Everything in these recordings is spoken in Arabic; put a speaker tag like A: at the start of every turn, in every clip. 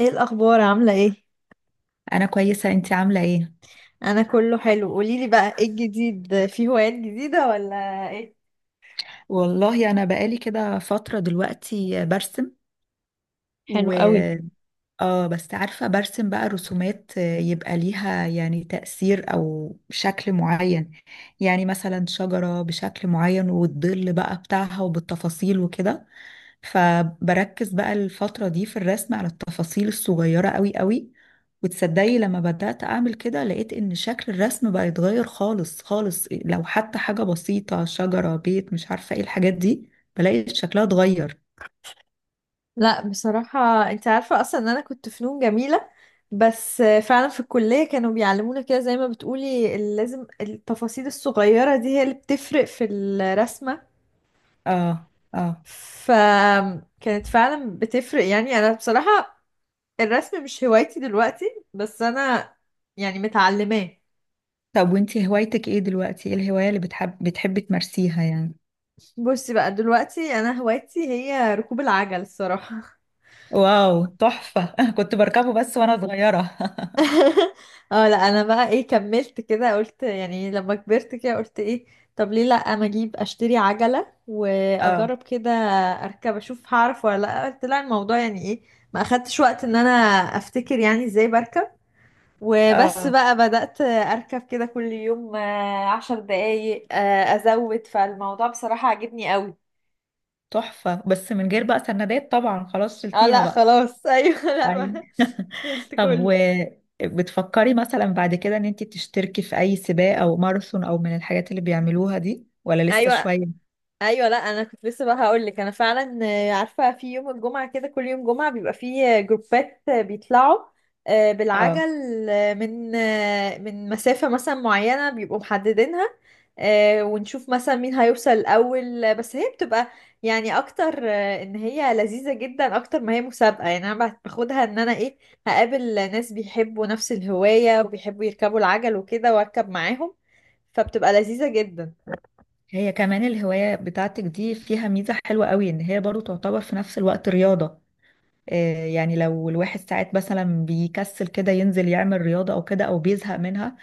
A: ايه الاخبار؟ عامله ايه؟
B: انا كويسه. انتي عامله ايه؟
A: انا كله حلو. قوليلي بقى، ايه الجديد؟ في هوايات جديده ولا ايه؟
B: والله انا بقالي كده فتره دلوقتي برسم.
A: حلو قوي.
B: اه بس عارفة، برسم بقى رسومات يبقى ليها يعني تأثير أو شكل معين. يعني مثلا شجرة بشكل معين والظل بقى بتاعها وبالتفاصيل وكده. فبركز بقى الفترة دي في الرسم على التفاصيل الصغيرة قوي قوي. وتصدقي، لما بدأت أعمل كده لقيت إن شكل الرسم بقى يتغير خالص خالص، لو حتى حاجة بسيطة، شجرة، بيت، مش عارفة ايه الحاجات دي، بلاقي شكلها اتغير.
A: لا بصراحه، انت عارفه اصلا ان انا كنت فنون جميله، بس فعلا في الكليه كانوا بيعلمونا كده زي ما بتقولي، لازم التفاصيل الصغيره دي هي اللي بتفرق في الرسمه،
B: اه اه.
A: فكانت فعلا بتفرق. يعني انا بصراحه الرسم مش هوايتي دلوقتي، بس انا يعني متعلماه.
B: طب وانتي هوايتك ايه دلوقتي؟ ايه الهواية اللي بتحبي تمارسيها يعني؟
A: بصي بقى، دلوقتي انا هوايتي هي ركوب العجل الصراحه.
B: واو، تحفة! كنت بركبه بس وانا صغيرة.
A: اه لا، انا بقى ايه، كملت كده، قلت يعني لما كبرت كده قلت ايه، طب ليه لا، ما اجيب اشتري عجله
B: اه
A: واجرب كده، اركب اشوف هعرف ولا لا. قلت لا الموضوع يعني ايه، ما اخدتش وقت ان انا افتكر يعني ازاي بركب. وبس
B: اه،
A: بقى بدأت اركب كده كل يوم عشر دقايق، ازود. فالموضوع بصراحه عجبني قوي.
B: تحفة. بس من غير بقى سندات طبعا، خلاص
A: اه
B: شلتيها
A: لا
B: بقى.
A: خلاص. ايوه لا
B: اي.
A: ما شلت
B: طب و
A: كله.
B: بتفكري مثلا بعد كده ان انتي تشتركي في اي سباق او ماراثون او من الحاجات اللي بيعملوها دي، ولا لسه
A: ايوه.
B: شوية؟
A: ايوه لا، انا كنت لسه بقى هقول لك، انا فعلا عارفه في يوم الجمعه كده، كل يوم جمعه بيبقى فيه جروبات بيطلعوا بالعجل،
B: اه.
A: من مسافه مثلا معينه بيبقوا محددينها، ونشوف مثلا مين هيوصل الاول، بس هي بتبقى يعني اكتر، ان هي لذيذه جدا اكتر ما هي مسابقه. يعني انا باخدها ان انا ايه، هقابل ناس بيحبوا نفس الهوايه وبيحبوا يركبوا العجل وكده واركب معاهم، فبتبقى لذيذه جدا.
B: هي كمان الهواية بتاعتك دي فيها ميزة حلوة قوي، ان هي برضو تعتبر في نفس الوقت رياضة. يعني لو الواحد ساعات مثلا بيكسل كده ينزل يعمل رياضة أو كده أو بيزهق منها،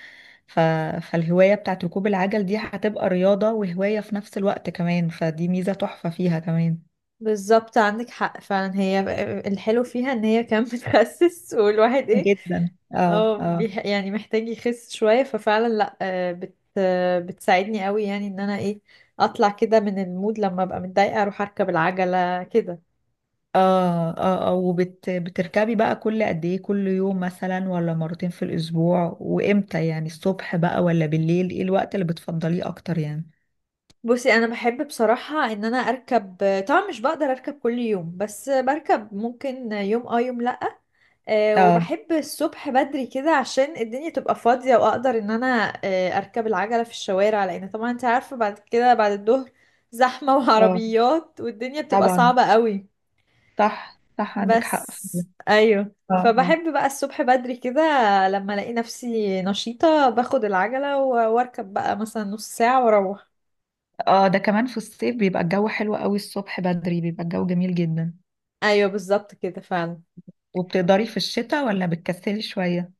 B: ف... فالهواية بتاعت ركوب العجل دي هتبقى رياضة وهواية في نفس الوقت كمان، فدي ميزة تحفة فيها كمان.
A: بالظبط، عندك حق فعلا. هي الحلو فيها ان هي كمان بتخسس. والواحد ايه،
B: جدا. اه
A: اه
B: اه
A: يعني محتاج يخس شوية، ففعلا لا، آه، بت آه، بتساعدني قوي يعني، ان انا ايه، اطلع كده من المود. لما ابقى متضايقة اروح اركب العجلة كده.
B: اه. اه اه، بتركبي بقى كل قد ايه؟ كل يوم مثلا ولا مرتين في الأسبوع؟ وإمتى يعني، الصبح بقى ولا بالليل؟ ايه الوقت اللي بتفضليه أكتر يعني؟
A: بصي، انا بحب بصراحة ان انا اركب. طبعا مش بقدر اركب كل يوم، بس بركب ممكن يوم اه يوم لا.
B: اه
A: وبحب الصبح بدري كده عشان الدنيا تبقى فاضية، وأقدر إن أنا أركب العجلة في الشوارع. لأن طبعا أنت عارفة بعد كده بعد الظهر زحمة،
B: اه
A: وعربيات والدنيا بتبقى
B: طبعا.
A: صعبة قوي.
B: صح صح، عندك حق في ده.
A: بس أيوه،
B: اه
A: فبحب بقى الصبح بدري كده لما ألاقي نفسي نشيطة، باخد العجلة وأركب بقى مثلا نص ساعة وأروح.
B: اه، ده كمان في الصيف بيبقى الجو حلو قوي، الصبح بدري بيبقى الجو جميل جدا.
A: أيوه بالظبط كده فعلا.
B: وبتقدري في الشتاء ولا بتكسلي شوية؟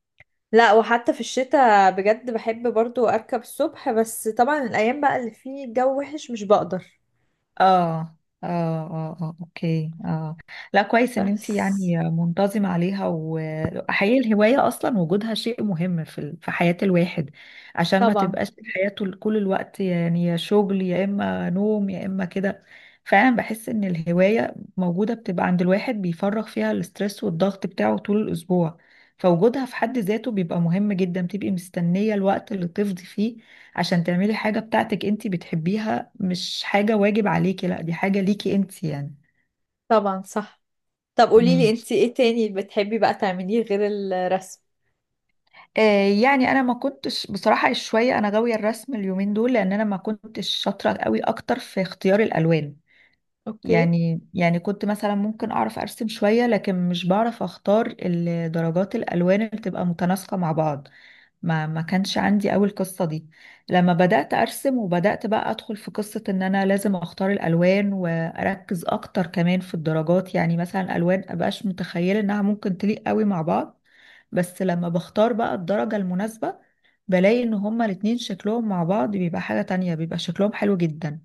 A: لا وحتى في الشتاء بجد بحب برضو أركب الصبح، بس طبعا الأيام بقى اللي فيه الجو وحش مش بقدر.
B: اه اه اه اه اوكي اه. لا كويس ان انت
A: بس
B: يعني منتظمة عليها. وحقيقي الهواية اصلا وجودها شيء مهم في في حياة الواحد، عشان ما
A: طبعا.
B: تبقاش حياته كل الوقت يعني يا شغل يا اما نوم يا اما كده. فعلا بحس ان الهواية موجودة بتبقى عند الواحد، بيفرغ فيها الاسترس والضغط بتاعه طول الاسبوع. فوجودها في حد ذاته بيبقى مهم جدا. بتبقي مستنية الوقت اللي تفضي فيه عشان تعملي حاجة بتاعتك انتي بتحبيها، مش حاجة واجب عليكي، لا، دي حاجة ليكي انتي يعني.
A: طبعا. صح. طب قولي لي
B: امم
A: انت ايه تاني بتحبي بقى تعمليه غير الرسم؟
B: آه، يعني انا ما كنتش بصراحة شوية انا غاوية الرسم اليومين دول، لان انا ما كنتش شاطرة قوي اكتر في اختيار الالوان.
A: اوكي.
B: يعني كنت مثلا ممكن اعرف ارسم شوية، لكن مش بعرف اختار درجات الالوان اللي تبقى متناسقة مع بعض. ما كانش عندي أوي القصة دي. لما بدأت أرسم وبدأت بقى أدخل في قصة إن أنا لازم أختار الألوان وأركز أكتر كمان في الدرجات، يعني مثلا ألوان مبقاش متخيلة إنها ممكن تليق أوي مع بعض، بس لما بختار بقى الدرجة المناسبة بلاقي إن هما الاتنين شكلهم مع بعض بيبقى حاجة تانية، بيبقى شكلهم حلو جدا.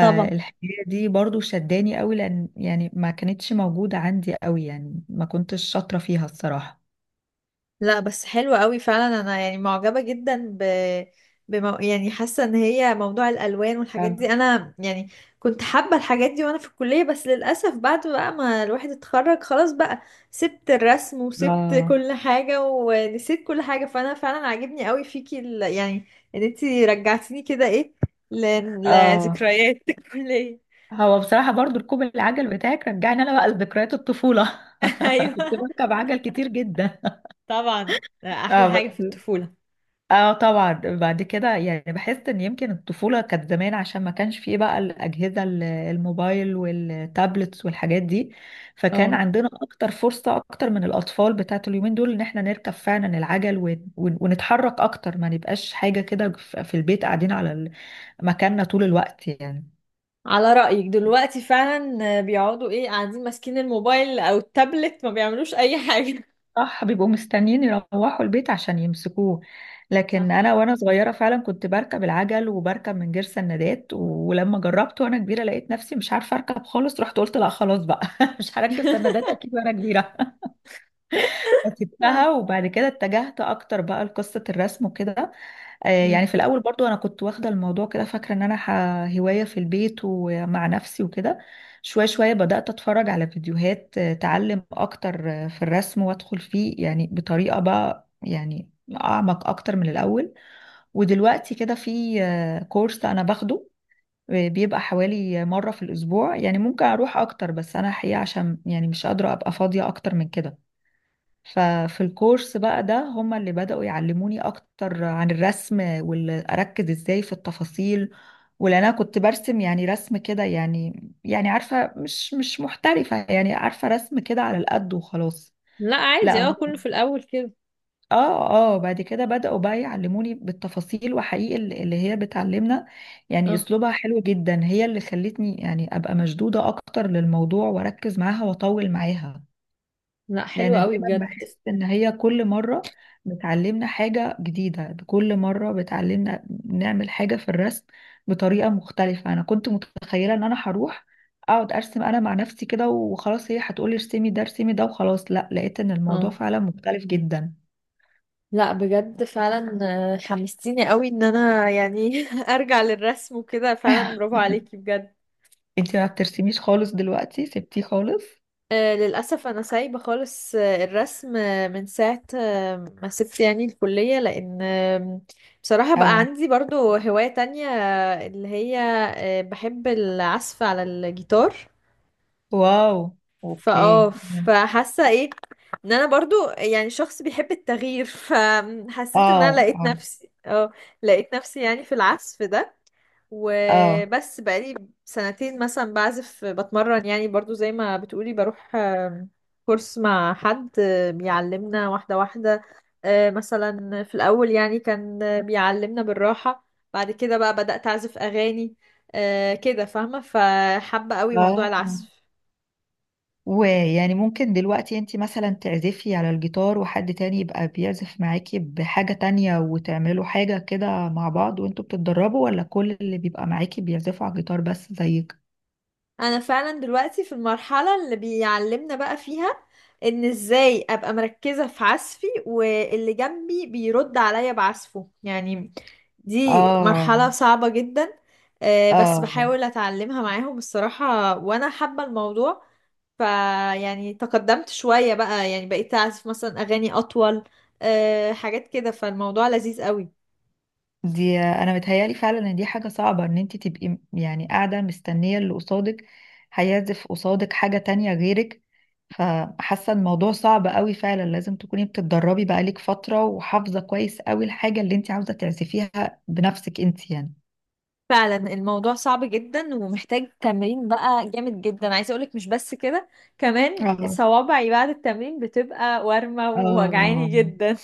A: طبعا.
B: دي برضو شداني أوي، لأن يعني ما كانتش موجودة عندي أوي، يعني ما كنتش شاطرة فيها الصراحة.
A: لا بس حلوة قوي فعلا، انا يعني معجبة جدا ب يعني حاسة ان هي موضوع الالوان والحاجات
B: اه
A: دي، انا يعني كنت حابة الحاجات دي وانا في الكلية، بس للاسف بعد بقى ما الواحد اتخرج خلاص بقى سبت الرسم وسبت
B: آه
A: كل حاجة ونسيت كل حاجة. فانا فعلا عاجبني قوي فيكي يعني ان انتي رجعتيني كده ايه، ل...
B: اه.
A: لذكريات الكلية.
B: هو بصراحة برضو ركوب العجل بتاعك رجعني انا بقى لذكريات الطفولة. كنت
A: ايوه.
B: بركب عجل كتير جدا.
A: طبعا احلى
B: اه بس،
A: حاجة في الطفولة.
B: اه طبعا. بعد كده يعني بحس ان يمكن الطفولة كانت زمان، عشان ما كانش فيه بقى الأجهزة الموبايل والتابلتس والحاجات دي. فكان
A: اه.
B: عندنا اكتر فرصة اكتر من الأطفال بتاعت اليومين دول، ان احنا نركب فعلا العجل ونتحرك اكتر، ما نبقاش حاجة كده في البيت قاعدين على مكاننا طول الوقت يعني.
A: على رأيك، دلوقتي فعلا بيقعدوا ايه، قاعدين ماسكين الموبايل او التابلت، ما بيعملوش اي حاجة.
B: صح، بيبقوا مستنيين يروحوا البيت عشان يمسكوه. لكن
A: صح.
B: انا وانا صغيره فعلا كنت بركب العجل، وبركب من غير سندات. ولما جربت وانا كبيره لقيت نفسي مش عارفه اركب خالص، رحت قلت لا خلاص بقى، مش هركب سندات اكيد وانا كبيره.
A: آه.
B: فسبتها، وبعد كده اتجهت اكتر بقى لقصه الرسم وكده.
A: آه.
B: يعني في الاول برضو انا كنت واخده الموضوع كده، فاكره ان انا هوايه في البيت ومع نفسي وكده. شويه شويه بدات اتفرج على فيديوهات تعلم اكتر في الرسم، وادخل فيه يعني بطريقه بقى يعني اعمق اكتر من الاول. ودلوقتي كده في كورس انا باخده، بيبقى حوالي مره في الاسبوع. يعني ممكن اروح اكتر بس انا حقيقه عشان يعني مش قادره ابقى فاضيه اكتر من كده. ففي الكورس بقى ده هما اللي بدأوا يعلموني أكتر عن الرسم وأركز إزاي في التفاصيل، ولأن أنا كنت برسم يعني رسم كده، يعني يعني عارفة مش محترفة، يعني عارفة رسم كده على القد وخلاص.
A: لا
B: لا
A: عادي، اه
B: هم
A: كله في الاول كده.
B: اه اه. بعد كده بدأوا بقى يعلموني بالتفاصيل، وحقيقي اللي هي بتعلمنا يعني
A: اه.
B: أسلوبها حلو جدا، هي اللي خلتني يعني أبقى مشدودة أكتر للموضوع وأركز معاها وأطول معاها.
A: لا
B: لان
A: حلو قوي
B: دايما
A: بجد.
B: بحس ان هي كل مره بتعلمنا حاجه جديده، كل مره بتعلمنا نعمل حاجه في الرسم بطريقه مختلفه. انا كنت متخيله ان انا هروح اقعد ارسم انا مع نفسي كده وخلاص، هي هتقولي ارسمي ده ارسمي ده وخلاص، لا لقيت ان الموضوع
A: اه.
B: فعلا مختلف جدا.
A: لا بجد فعلا. حمستيني قوي ان انا يعني ارجع للرسم وكده. فعلا برافو عليكي بجد.
B: انتي ما بترسميش خالص دلوقتي؟ سبتيه خالص؟
A: للأسف أنا سايبة خالص الرسم من ساعة ما سبت يعني الكلية. لأن بصراحة بقى
B: اه
A: عندي برضو هواية تانية اللي هي بحب العزف على الجيتار.
B: واو اوكي
A: فاه، فحاسة ايه، ان انا برضو يعني شخص بيحب التغيير. فحسيت ان انا
B: اه
A: لقيت
B: اه
A: نفسي اه، لقيت نفسي يعني في العزف ده.
B: اه
A: وبس بقالي سنتين مثلا بعزف بتمرن يعني، برضو زي ما بتقولي بروح كورس مع حد بيعلمنا واحدة واحدة. مثلا في الأول يعني كان بيعلمنا بالراحة، بعد كده بقى بدأت أعزف أغاني كده، فاهمة؟ فحابة قوي موضوع
B: اه.
A: العزف.
B: ويعني ممكن دلوقتي انت مثلا تعزفي على الجيتار وحد تاني يبقى بيعزف معاكي بحاجة تانية وتعملوا حاجة كده مع بعض وانتوا بتتدربوا، ولا كل اللي بيبقى معاكي بيعزفوا على الجيتار بس زيك؟
A: انا فعلا دلوقتي في المرحلة اللي بيعلمنا بقى فيها ان ازاي ابقى مركزة في عزفي، واللي جنبي بيرد عليا بعزفه يعني. دي
B: اه
A: مرحلة صعبة جدا، بس
B: اه.
A: بحاول اتعلمها معاهم الصراحة وانا حابة الموضوع. فيعني تقدمت شوية بقى، يعني بقيت اعزف مثلا اغاني اطول، حاجات كده. فالموضوع لذيذ قوي.
B: دي انا متهيالي فعلا ان دي حاجة صعبة، ان انت تبقي يعني قاعدة مستنية اللي قصادك هيعزف قصادك حاجة تانية غيرك. فحاسة الموضوع صعب قوي فعلا، لازم تكوني بتتدربي بقالك فترة وحافظة كويس قوي الحاجة اللي انت عاوزة تعزفيها بنفسك انت يعني.
A: فعلا الموضوع صعب جدا ومحتاج تمرين بقى جامد جدا. عايزه اقولك مش بس كده، كمان
B: اه
A: صوابعي بعد التمرين بتبقى وارمه ووجعاني
B: اه
A: جدا.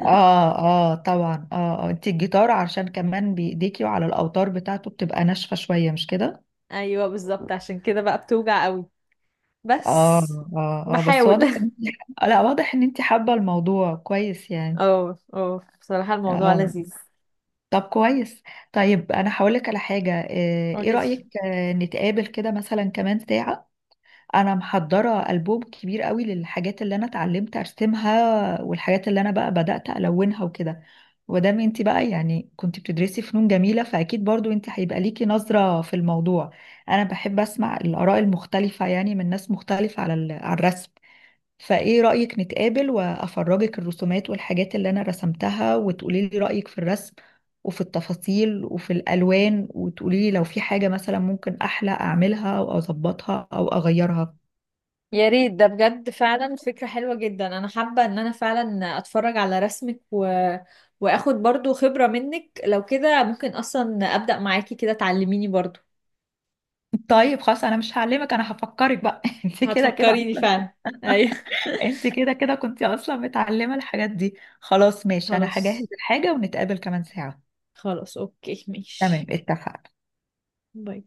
B: اه اه طبعا اه آه. انت الجيتار عشان كمان بايديكي وعلى الاوتار بتاعته بتبقى ناشفة شوية، مش كده؟
A: ايوه بالظبط، عشان كده بقى بتوجع قوي.
B: اه
A: بس
B: اه اه، بس واضح
A: بحاول.
B: ان آه، لا واضح ان انت حابة الموضوع كويس يعني.
A: اه اه بصراحه الموضوع
B: اه
A: لذيذ.
B: طب كويس. طيب انا هقولك على حاجة، ايه
A: قولي.
B: رأيك نتقابل كده مثلا كمان ساعة؟ انا محضرة ألبوم كبير قوي للحاجات اللي انا اتعلمت ارسمها، والحاجات اللي انا بقى بدأت الونها وكده. ودام انت بقى يعني كنت بتدرسي فنون جميلة، فاكيد برضو انت هيبقى ليكي نظرة في الموضوع. انا بحب اسمع الآراء المختلفة يعني من ناس مختلفة على على الرسم. فايه رأيك نتقابل وافرجك الرسومات والحاجات اللي انا رسمتها، وتقولي لي رأيك في الرسم وفي التفاصيل وفي الالوان، وتقولي لي لو في حاجة مثلا ممكن احلى اعملها او اظبطها او اغيرها.
A: يا ريت، ده بجد فعلا فكره حلوه جدا. انا حابه ان انا فعلا اتفرج على رسمك، و... واخد برضو خبره منك. لو كده ممكن اصلا ابدا معاكي كده، تعلميني برضو.
B: طيب خلاص انا مش هعلمك، انا هفكرك بقى، انت كده كده
A: هتفكريني
B: اصلا.
A: فعلا. ايوه.
B: انت كده كده كنت اصلا متعلمة الحاجات دي. خلاص ماشي، انا هجهز
A: خلاص.
B: الحاجة ونتقابل كمان ساعة.
A: خلاص اوكي
B: تمام،
A: ماشي.
B: اتفقنا.
A: باي.